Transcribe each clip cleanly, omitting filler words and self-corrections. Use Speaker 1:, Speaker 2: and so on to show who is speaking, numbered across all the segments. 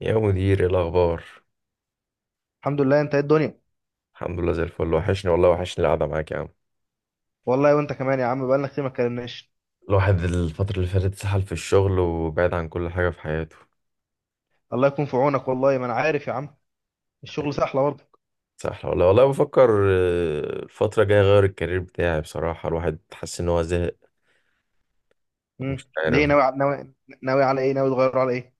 Speaker 1: يا مدير ايه الاخبار؟
Speaker 2: الحمد لله، انت ايه الدنيا؟
Speaker 1: الحمد لله زي الفل، وحشني والله، وحشني القعده معاك يا عم.
Speaker 2: والله وانت كمان يا عم، بقالنا كتير ما اتكلمناش.
Speaker 1: الواحد الفتره اللي فاتت سحل في الشغل وبعد عن كل حاجه في حياته.
Speaker 2: الله يكون في عونك، والله ما انا عارف يا عم. الشغل سهله برضه.
Speaker 1: سحل والله والله. بفكر الفتره الجايه اغير الكارير بتاعي، بصراحه الواحد حاسس ان هو زهق. مش
Speaker 2: ليه؟
Speaker 1: عارف.
Speaker 2: ناوي على ايه؟ ناوي تغير على ايه؟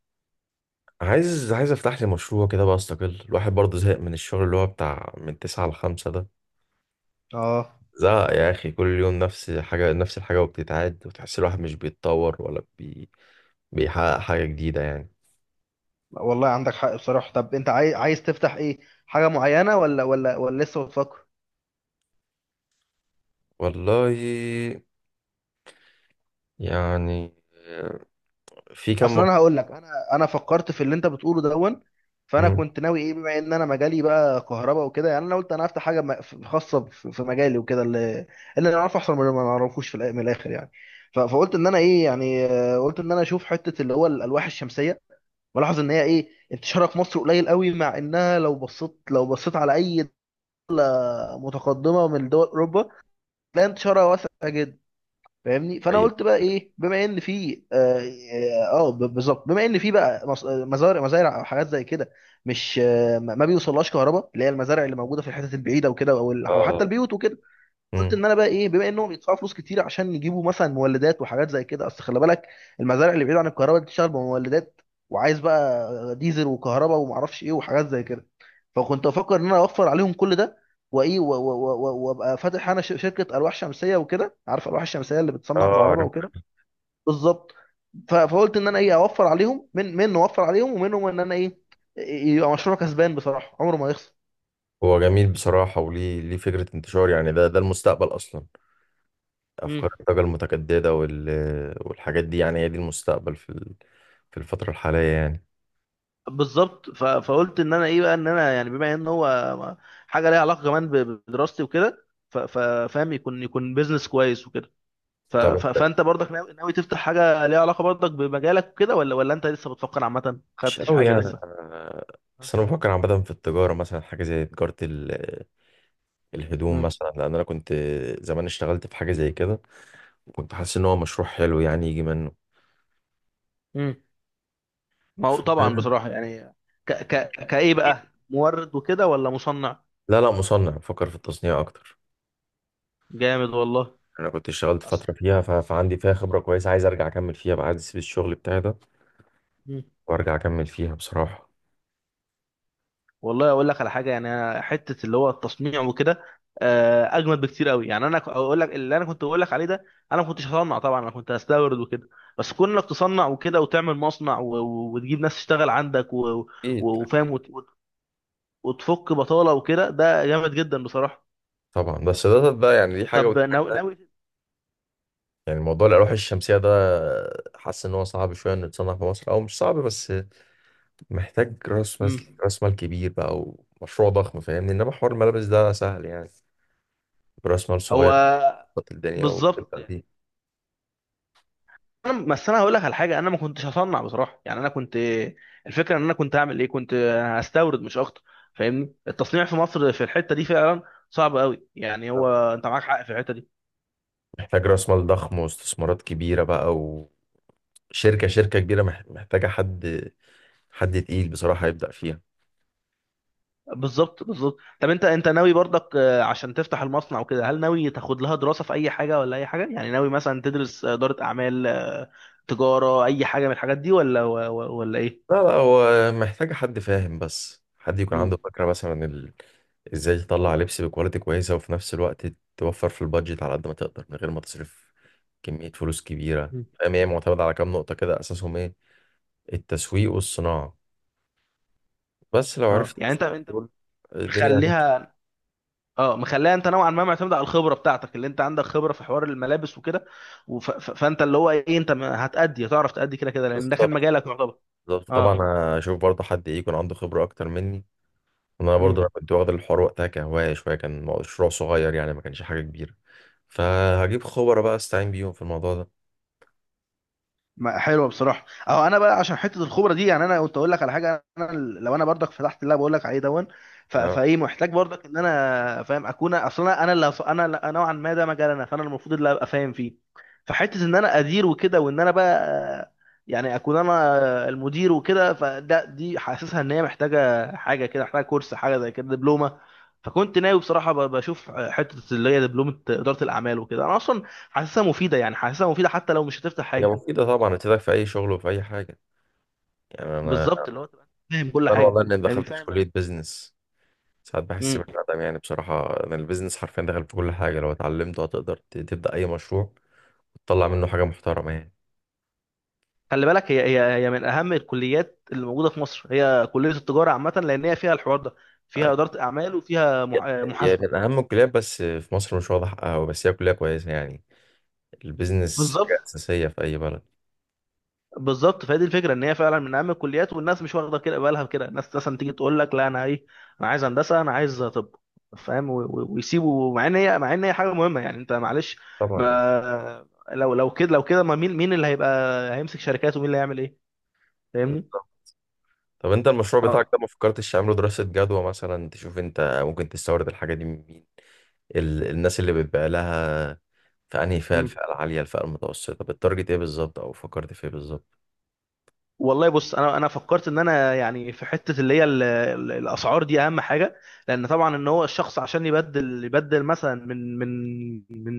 Speaker 1: عايز افتح لي مشروع كده بقى، استقل. الواحد برضه زهق من الشغل اللي هو بتاع من تسعة لخمسة ده.
Speaker 2: اه.
Speaker 1: زهق يا اخي، كل يوم نفس حاجه نفس الحاجه وبتتعاد، وتحس الواحد مش بيتطور ولا بيحقق حاجه جديده يعني.
Speaker 2: والله عندك حق بصراحه. طب انت عايز تفتح ايه؟ حاجه معينه ولا لسه بتفكر؟
Speaker 1: والله، يعني، في كم
Speaker 2: اصل
Speaker 1: مر...
Speaker 2: انا هقول لك، انا فكرت في اللي انت بتقوله دون. فانا
Speaker 1: مم.
Speaker 2: كنت ناوي ايه، بما ان انا مجالي بقى كهرباء وكده، يعني انا قلت انا هفتح حاجه خاصه في مجالي وكده، اللي اللي انا اعرفه احسن من اللي ما اعرفوش، من الاخر يعني. فقلت ان انا ايه يعني، قلت ان انا اشوف حته اللي هو الالواح الشمسيه. بلاحظ ان هي ايه انتشارها في مصر قليل قوي، مع انها لو بصيت لو بصيت على اي دوله متقدمه من دول اوروبا، تلاقي انتشارها واسع جدا. فاهمني، فانا قلت
Speaker 1: حقيقة.
Speaker 2: بقى ايه، بما ان في بالظبط، بما ان في بقى مزارع، مزارع او حاجات زي كده، مش ما بيوصلهاش كهرباء، اللي هي المزارع اللي موجوده في الحتت البعيده وكده، أو
Speaker 1: اه.
Speaker 2: حتى البيوت وكده. قلت
Speaker 1: مم.
Speaker 2: ان انا بقى ايه، بما انهم بيدفعوا فلوس كتير عشان يجيبوا مثلا مولدات وحاجات زي كده. اصل خلي بالك، المزارع اللي بعيد عن الكهرباء دي بتشتغل بمولدات، وعايز بقى ديزل وكهرباء ومعرفش ايه وحاجات زي كده. فكنت افكر ان انا اوفر عليهم كل ده، وايه، و- و- و- و- وابقى فاتح انا شركه الواح شمسيه وكده. عارف الواح الشمسيه اللي بتصنع
Speaker 1: اه
Speaker 2: كهرباء
Speaker 1: عارف.
Speaker 2: وكده؟ بالظبط. فقلت ان انا ايه، اوفر عليهم من اوفر عليهم ومنهم، ان انا ايه، يبقى مشروع كسبان بصراحه، عمره ما يخسر.
Speaker 1: هو جميل بصراحة، وليه فكرة انتشار؟ يعني ده المستقبل أصلا، أفكار الطاقة المتجددة والحاجات دي، يعني هي دي المستقبل في في الفترة الحالية يعني.
Speaker 2: بالظبط. ف... فقلت ان انا ايه بقى، ان انا يعني بما ان هو حاجه ليها علاقه كمان بدراستي وكده. فاهم؟ يكون بيزنس كويس وكده. ف...
Speaker 1: طب
Speaker 2: ف...
Speaker 1: انت،
Speaker 2: فانت برضك ناوي تفتح حاجه ليها علاقه برضك بمجالك وكده، ولا انت لسه بتفكر عامه ما
Speaker 1: مش
Speaker 2: خدتش
Speaker 1: قوي
Speaker 2: حاجه
Speaker 1: يعني،
Speaker 2: لسه؟
Speaker 1: بس أنا بفكر عامة في التجارة مثلا، حاجة زي تجارة الهدوم
Speaker 2: مم.
Speaker 1: مثلا، لأن أنا كنت زمان اشتغلت في حاجة زي كده وكنت حاسس إن هو مشروع حلو يعني يجي منه.
Speaker 2: مم. ما هو طبعا بصراحه يعني، كايه بقى، مورد وكده ولا مصنع؟
Speaker 1: لا، لا، مصنع، بفكر في التصنيع أكتر.
Speaker 2: جامد والله.
Speaker 1: انا كنت اشتغلت
Speaker 2: أصلا،
Speaker 1: فتره فيها فعندي فيها خبره كويسه، عايز ارجع اكمل فيها بقى، عايز اسيب الشغل بتاعي ده وارجع اكمل فيها بصراحه.
Speaker 2: والله اقول لك على حاجه يعني، أنا حته اللي هو التصنيع وكده، اجمد بكتير قوي يعني. انا اقول لك، اللي انا كنت بقول لك عليه ده، انا ما كنتش هصنع طبعا، انا كنت هستورد وكده. بس كون انك تصنع وكده وتعمل مصنع، و- و- وتجيب ناس تشتغل عندك، و-
Speaker 1: اكيد.
Speaker 2: و- وفاهم، وت- وت- وتفك بطاله وكده، ده جامد جدا بصراحه.
Speaker 1: طبعا، بس ده ده يعني، دي حاجه
Speaker 2: طب
Speaker 1: ودي حاجه.
Speaker 2: ناوي
Speaker 1: يعني موضوع الالواح الشمسيه ده حاسس ان هو صعب شويه انه يتصنع في مصر، او مش صعب بس محتاج راس مال،
Speaker 2: مم.
Speaker 1: راس مال كبير بقى، ومشروع ضخم، فاهمني؟ انما حوار الملابس ده سهل يعني، براس مال
Speaker 2: هو
Speaker 1: صغير تظبط الدنيا
Speaker 2: بالظبط
Speaker 1: وتبدا
Speaker 2: يعني.
Speaker 1: فيه.
Speaker 2: انا بس انا هقول لك على حاجه، انا ما كنتش هصنع بصراحه يعني، انا كنت... الفكره ان انا كنت هعمل ايه، كنت هستورد مش اكتر. فاهمني، التصنيع في مصر في الحته دي فعلا صعب قوي يعني،
Speaker 1: طبعاً.
Speaker 2: هو انت معاك حق في الحته دي.
Speaker 1: محتاج راس مال ضخم واستثمارات كبيره بقى، وشركه كبيره، محتاجه حد، حد تقيل بصراحه يبدا فيها.
Speaker 2: بالظبط، بالظبط. طب انت ناوي برضك عشان تفتح المصنع وكده، هل ناوي تاخد لها دراسه في اي حاجه ولا اي حاجه يعني؟ ناوي مثلا تدرس اداره اعمال، تجاره، اي حاجه من الحاجات دي، ولا ايه؟
Speaker 1: لا، لا، هو محتاج حد فاهم، بس حد يكون
Speaker 2: مم.
Speaker 1: عنده فكرة مثلا ازاي تطلع لبس بكواليتي كويسة، وفي نفس الوقت توفر في البادجت على قد ما تقدر، من غير ما تصرف كمية فلوس كبيرة.
Speaker 2: مم.
Speaker 1: فاهم؟ هي معتمدة على كام نقطة كده، أساسهم ايه؟ التسويق والصناعة، بس لو
Speaker 2: اه
Speaker 1: عرفت
Speaker 2: يعني،
Speaker 1: تظبط
Speaker 2: انت
Speaker 1: دول الدنيا هتمشي.
Speaker 2: مخليها، اه مخليها انت نوعا ما معتمد على الخبره بتاعتك، اللي انت عندك خبره في حوار الملابس وكده. فانت اللي هو ايه، انت ما- هتأدي هتعرف تأدي كده كده، لان ده كان
Speaker 1: بالظبط،
Speaker 2: مجالك يعتبر.
Speaker 1: بالظبط طبعا.
Speaker 2: اه.
Speaker 1: هشوف برضه حد ايه، يكون عنده خبرة أكتر مني. أنا
Speaker 2: مم.
Speaker 1: برضه، أنا كنت واخد الحوار وقتها كهواية شوية، كان مشروع صغير يعني، ما كانش حاجة كبيرة، فهجيب خبرة بقى استعين بيهم في الموضوع ده.
Speaker 2: حلوه بصراحه. اهو انا بقى عشان حته الخبره دي يعني، انا كنت اقول لك على حاجه، انا لو انا برضك فتحت اللي أنا بقول لك عليه دون، ف-
Speaker 1: يعني
Speaker 2: فايه، محتاج برضك ان انا فاهم اكون، اصلا انا اللي هص- انا اللي- نوعا ما ده مجالنا، فانا المفروض اللي ابقى فاهم فيه. فحته ان انا ادير وكده، وان انا بقى يعني اكون انا المدير وكده، فده دي حاسسها ان هي محتاجه حاجه كده، محتاجه كورس حاجه زي كده، دبلومه. فكنت ناوي بصراحه ب- بشوف حته اللي هي دبلومه اداره الاعمال وكده. انا اصلا حاسسها مفيده يعني، حاسسها مفيده حتى لو مش هتفتح
Speaker 1: هي
Speaker 2: حاجه.
Speaker 1: مفيدة طبعا، هتفيدك في أي شغل وفي أي حاجة. يعني
Speaker 2: بالظبط، اللي هو تبقى فاهم كل
Speaker 1: أنا
Speaker 2: حاجه.
Speaker 1: والله إني
Speaker 2: فاهمني،
Speaker 1: دخلت في
Speaker 2: فاهم.
Speaker 1: كلية بيزنس ساعات بحس
Speaker 2: امم.
Speaker 1: بالندم، يعني بصراحة أنا البيزنس حرفيا دخل في كل حاجة، لو اتعلمته هتقدر تبدأ أي مشروع تطلع منه حاجة محترمة يعني.
Speaker 2: خلي بالك، هي من اهم الكليات اللي موجوده في مصر، هي كليه التجاره عامه، لان هي فيها الحوار ده،
Speaker 1: آه،
Speaker 2: فيها اداره اعمال وفيها
Speaker 1: هي
Speaker 2: محاسبه.
Speaker 1: من أهم الكليات، بس في مصر مش واضح أوي، بس هي كلية كويسة يعني، البيزنس حاجة
Speaker 2: بالظبط،
Speaker 1: أساسية في أي بلد.
Speaker 2: بالظبط. فهي دي الفكره، ان هي فعلا من اهم الكليات، والناس مش واخده كده بالها كده. الناس مثلا تيجي تقول لك لا انا ايه، انا عايز هندسه، انا عايز طب، فاهم، و- و- ويسيبوا، مع ان هي حاجه مهمه يعني، انت معلش.
Speaker 1: طبعا أكيد.
Speaker 2: ما لو كده، لو كده ما مين اللي هيبقى، هيمسك شركات، ومين اللي هيعمل ايه؟ فاهمني.
Speaker 1: طبعا. طب أنت المشروع بتاعك
Speaker 2: اه.
Speaker 1: ده ما فكرتش تعمله دراسة جدوى مثلا؟ تشوف أنت ممكن تستورد الحاجة دي من مين، الناس اللي بتبيع لها، فأنهي فئة؟ الفئة العالية الفئة المتوسطة؟ بالتارجت إيه بالظبط، أو فكرت في إيه بالظبط؟
Speaker 2: والله بص، انا فكرت ان انا يعني، في حته اللي هي الاسعار دي اهم حاجه. لان طبعا ان هو الشخص عشان يبدل مثلا من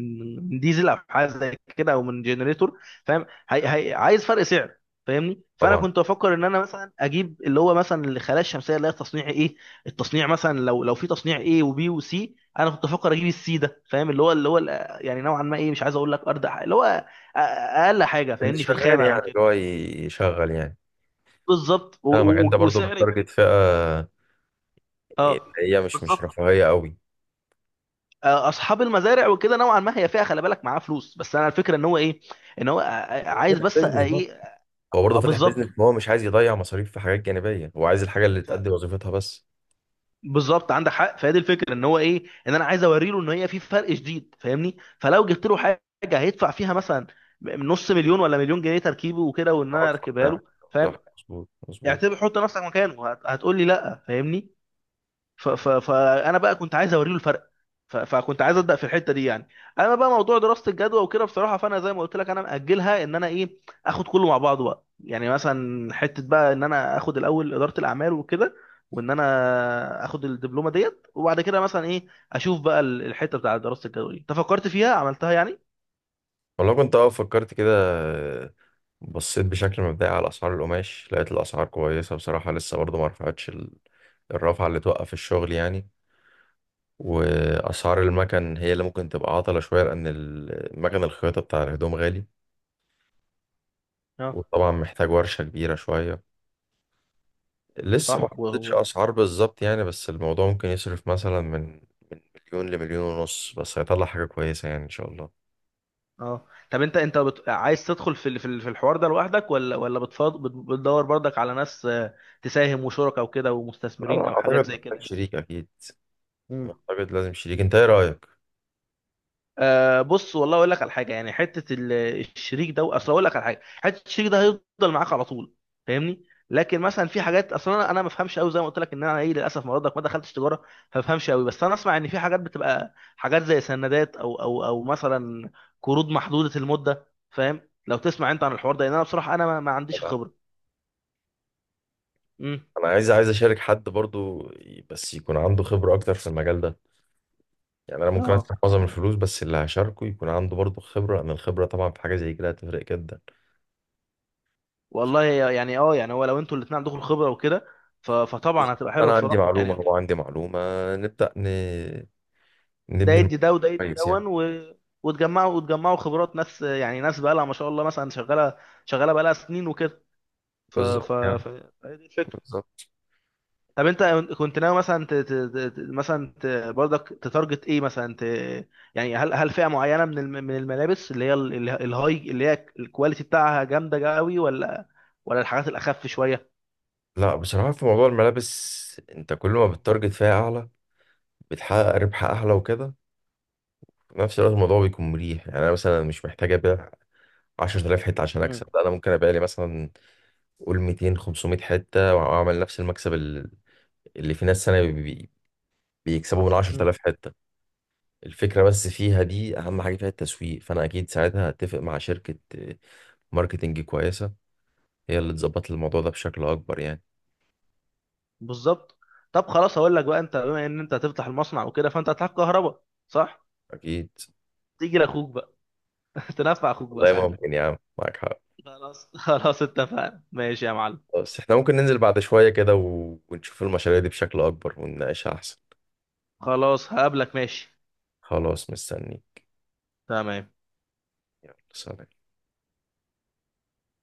Speaker 2: من ديزل او حاجه زي كده، او من جنريتور، فاهم، هي عايز فرق سعر. فاهمني، فانا
Speaker 1: طبعا.
Speaker 2: كنت بفكر ان انا مثلا اجيب اللي هو مثلا الخلايا الشمسيه اللي هي تصنيع ايه. التصنيع مثلا، لو في تصنيع ايه وبي وسي، انا كنت بفكر اجيب السي ده، فاهم، يعني نوعا ما ايه، مش عايز اقول لك ارض اللي هو اقل حاجه،
Speaker 1: اللي
Speaker 2: فاهمني، في
Speaker 1: شغال
Speaker 2: الخامه
Speaker 1: يعني،
Speaker 2: او
Speaker 1: اللي
Speaker 2: كده،
Speaker 1: هو يشغل يعني.
Speaker 2: بالظبط، و-
Speaker 1: فاهمك. أنت
Speaker 2: و-
Speaker 1: برضو
Speaker 2: وسعر يكون،
Speaker 1: بالتارجت فئة
Speaker 2: اه،
Speaker 1: اللي هي مش
Speaker 2: بالظبط.
Speaker 1: رفاهية قوي.
Speaker 2: اصحاب المزارع وكده نوعا ما هي فيها، خلي بالك معاه فلوس، بس انا الفكره ان هو ايه، ان هو عايز
Speaker 1: فاتح
Speaker 2: بس
Speaker 1: بيزنس برضه،
Speaker 2: ايه،
Speaker 1: هو برضه فاتح بيزنس،
Speaker 2: بالظبط.
Speaker 1: هو مش عايز يضيع مصاريف في حاجات جانبية، هو عايز الحاجة اللي
Speaker 2: ف-
Speaker 1: تأدي وظيفتها بس.
Speaker 2: بالظبط عندك حق. فهي دي الفكره ان هو ايه، ان انا عايز اوريله ان هي في فرق شديد، فاهمني، فلو جبت له حاجه هيدفع فيها مثلا نص مليون ولا مليون جنيه تركيبه وكده، وان انا
Speaker 1: فاهمك، صح
Speaker 2: اركبها
Speaker 1: يعني.
Speaker 2: له،
Speaker 1: كلامك
Speaker 2: فاهم.
Speaker 1: صح، مظبوط، مظبوط.
Speaker 2: اعتبر حط نفسك مكانه، هتقول لي لا، فاهمني. ف ف فانا بقى كنت عايز اوريله الفرق، ف فكنت عايز ابدا في الحته دي يعني. انا بقى موضوع دراسه الجدوى وكده بصراحه، فانا زي ما قلت لك، انا ماجلها ان انا ايه، اخد كله مع بعضه بقى يعني، مثلا حته بقى ان انا اخد الاول اداره الاعمال وكده، وان انا اخد الدبلومه ديت، وبعد كده مثلا ايه، اشوف بقى الحته بتاع دراسه الجدوى دي. انت فكرت فيها عملتها يعني؟
Speaker 1: والله كنت اه فكرت كده، بصيت بشكل مبدئي على اسعار القماش، لقيت الاسعار كويسه بصراحه، لسه برضو ما رفعتش الرفعه اللي توقف الشغل يعني. واسعار المكن هي اللي ممكن تبقى عطلة شوية، لان المكن الخياطة بتاع الهدوم غالي
Speaker 2: اه.
Speaker 1: وطبعا محتاج ورشة كبيرة شوية. لسه ما
Speaker 2: صح.
Speaker 1: حطيتش اسعار بالظبط يعني، بس الموضوع ممكن يصرف مثلا من مليون لمليون ونص، بس هيطلع حاجة كويسة يعني ان شاء الله.
Speaker 2: اه. طب انت عايز تدخل في الحوار ده لوحدك، ولا بتدور برضك على ناس، تساهم وشركاء وكده،
Speaker 1: لا،
Speaker 2: ومستثمرين
Speaker 1: لا،
Speaker 2: او حاجات
Speaker 1: اعتقد
Speaker 2: زي
Speaker 1: محتاج
Speaker 2: كده؟
Speaker 1: شريك اكيد،
Speaker 2: يعني.
Speaker 1: اعتقد لازم شريك. انت ايه رأيك؟
Speaker 2: بص، والله اقول لك على حاجه يعني، حته الشريك ده، اصل اقول لك على حاجه، حته الشريك ده هيفضل معاك على طول، فاهمني. لكن مثلا في حاجات، اصلا انا ما بفهمش قوي، زي ما قلت لك ان انا ايه، للاسف ما برضك ما دخلتش تجاره، فما بفهمش قوي، بس انا اسمع ان في حاجات بتبقى حاجات زي سندات، او مثلا قروض محدوده المده، فاهم، لو تسمع انت عن الحوار ده، لان انا بصراحه انا ما عنديش الخبره. امم.
Speaker 1: انا عايز اشارك حد برضو، بس يكون عنده خبرة اكتر في المجال ده. يعني انا ممكن ادفع
Speaker 2: اه.
Speaker 1: معظم الفلوس، بس اللي هشاركه يكون عنده برضو خبرة، لان الخبرة طبعا في حاجة زي كده هتفرق جدا.
Speaker 2: والله يعني، يعني هو لو انتوا الاثنين عندكم الخبره وكده، ف- فطبعا هتبقى حلوه
Speaker 1: انا عندي
Speaker 2: بصراحه يعني،
Speaker 1: معلومه هو
Speaker 2: انت
Speaker 1: عندي معلومه، نبدا
Speaker 2: ده
Speaker 1: نبني الموضوع
Speaker 2: يدي ده وده يدي
Speaker 1: كويس يعني.
Speaker 2: دون، و... وتجمعوا خبرات ناس يعني، ناس بقى لها ما شاء الله مثلا، شغاله بقى لها سنين وكده. ف
Speaker 1: بالظبط
Speaker 2: ف
Speaker 1: يعني.
Speaker 2: ف فهي دي الفكره.
Speaker 1: بالظبط.
Speaker 2: طب انت كنت ناوي مثلا برضك تتارجت ايه مثلا يعني، هل فئه معينه من الملابس اللي هي الهاي اللي هي الكواليتي بتاعها جامده قوي، ولا ولا الحاجات الاخف شويه؟
Speaker 1: لا بصراحه في موضوع الملابس انت كل ما بتتارجت فيها اعلى، بتحقق ربح اعلى وكده، في نفس الوقت الموضوع بيكون مريح يعني. انا مثلا مش محتاج ابيع 10,000 حته عشان
Speaker 2: مم.
Speaker 1: اكسب، لا انا ممكن ابيع لي مثلا قول 200 500 حته واعمل نفس المكسب اللي في ناس سنه بيكسبوا من
Speaker 2: مم.
Speaker 1: 10,000 حته. الفكره بس فيها دي، اهم حاجه فيها التسويق، فانا اكيد ساعتها هتفق مع شركه ماركتنج كويسه، هي اللي تظبط الموضوع ده بشكل اكبر يعني.
Speaker 2: بالظبط. طب خلاص هقول لك بقى، انت بما ان انت هتفتح المصنع وكده، فانت هتحتاج كهرباء. صح،
Speaker 1: اكيد.
Speaker 2: تيجي لاخوك بقى. تنفع اخوك بقى
Speaker 1: والله
Speaker 2: ساعتها.
Speaker 1: ممكن يا عم، معاك حق.
Speaker 2: خلاص، خلاص، اتفقنا، ماشي يا معلم.
Speaker 1: بس احنا ممكن ننزل بعد شوية كده ونشوف المشاريع دي بشكل اكبر ونناقشها احسن.
Speaker 2: خلاص هقابلك، ماشي.
Speaker 1: خلاص مستني.
Speaker 2: تمام.
Speaker 1: يلا سلام.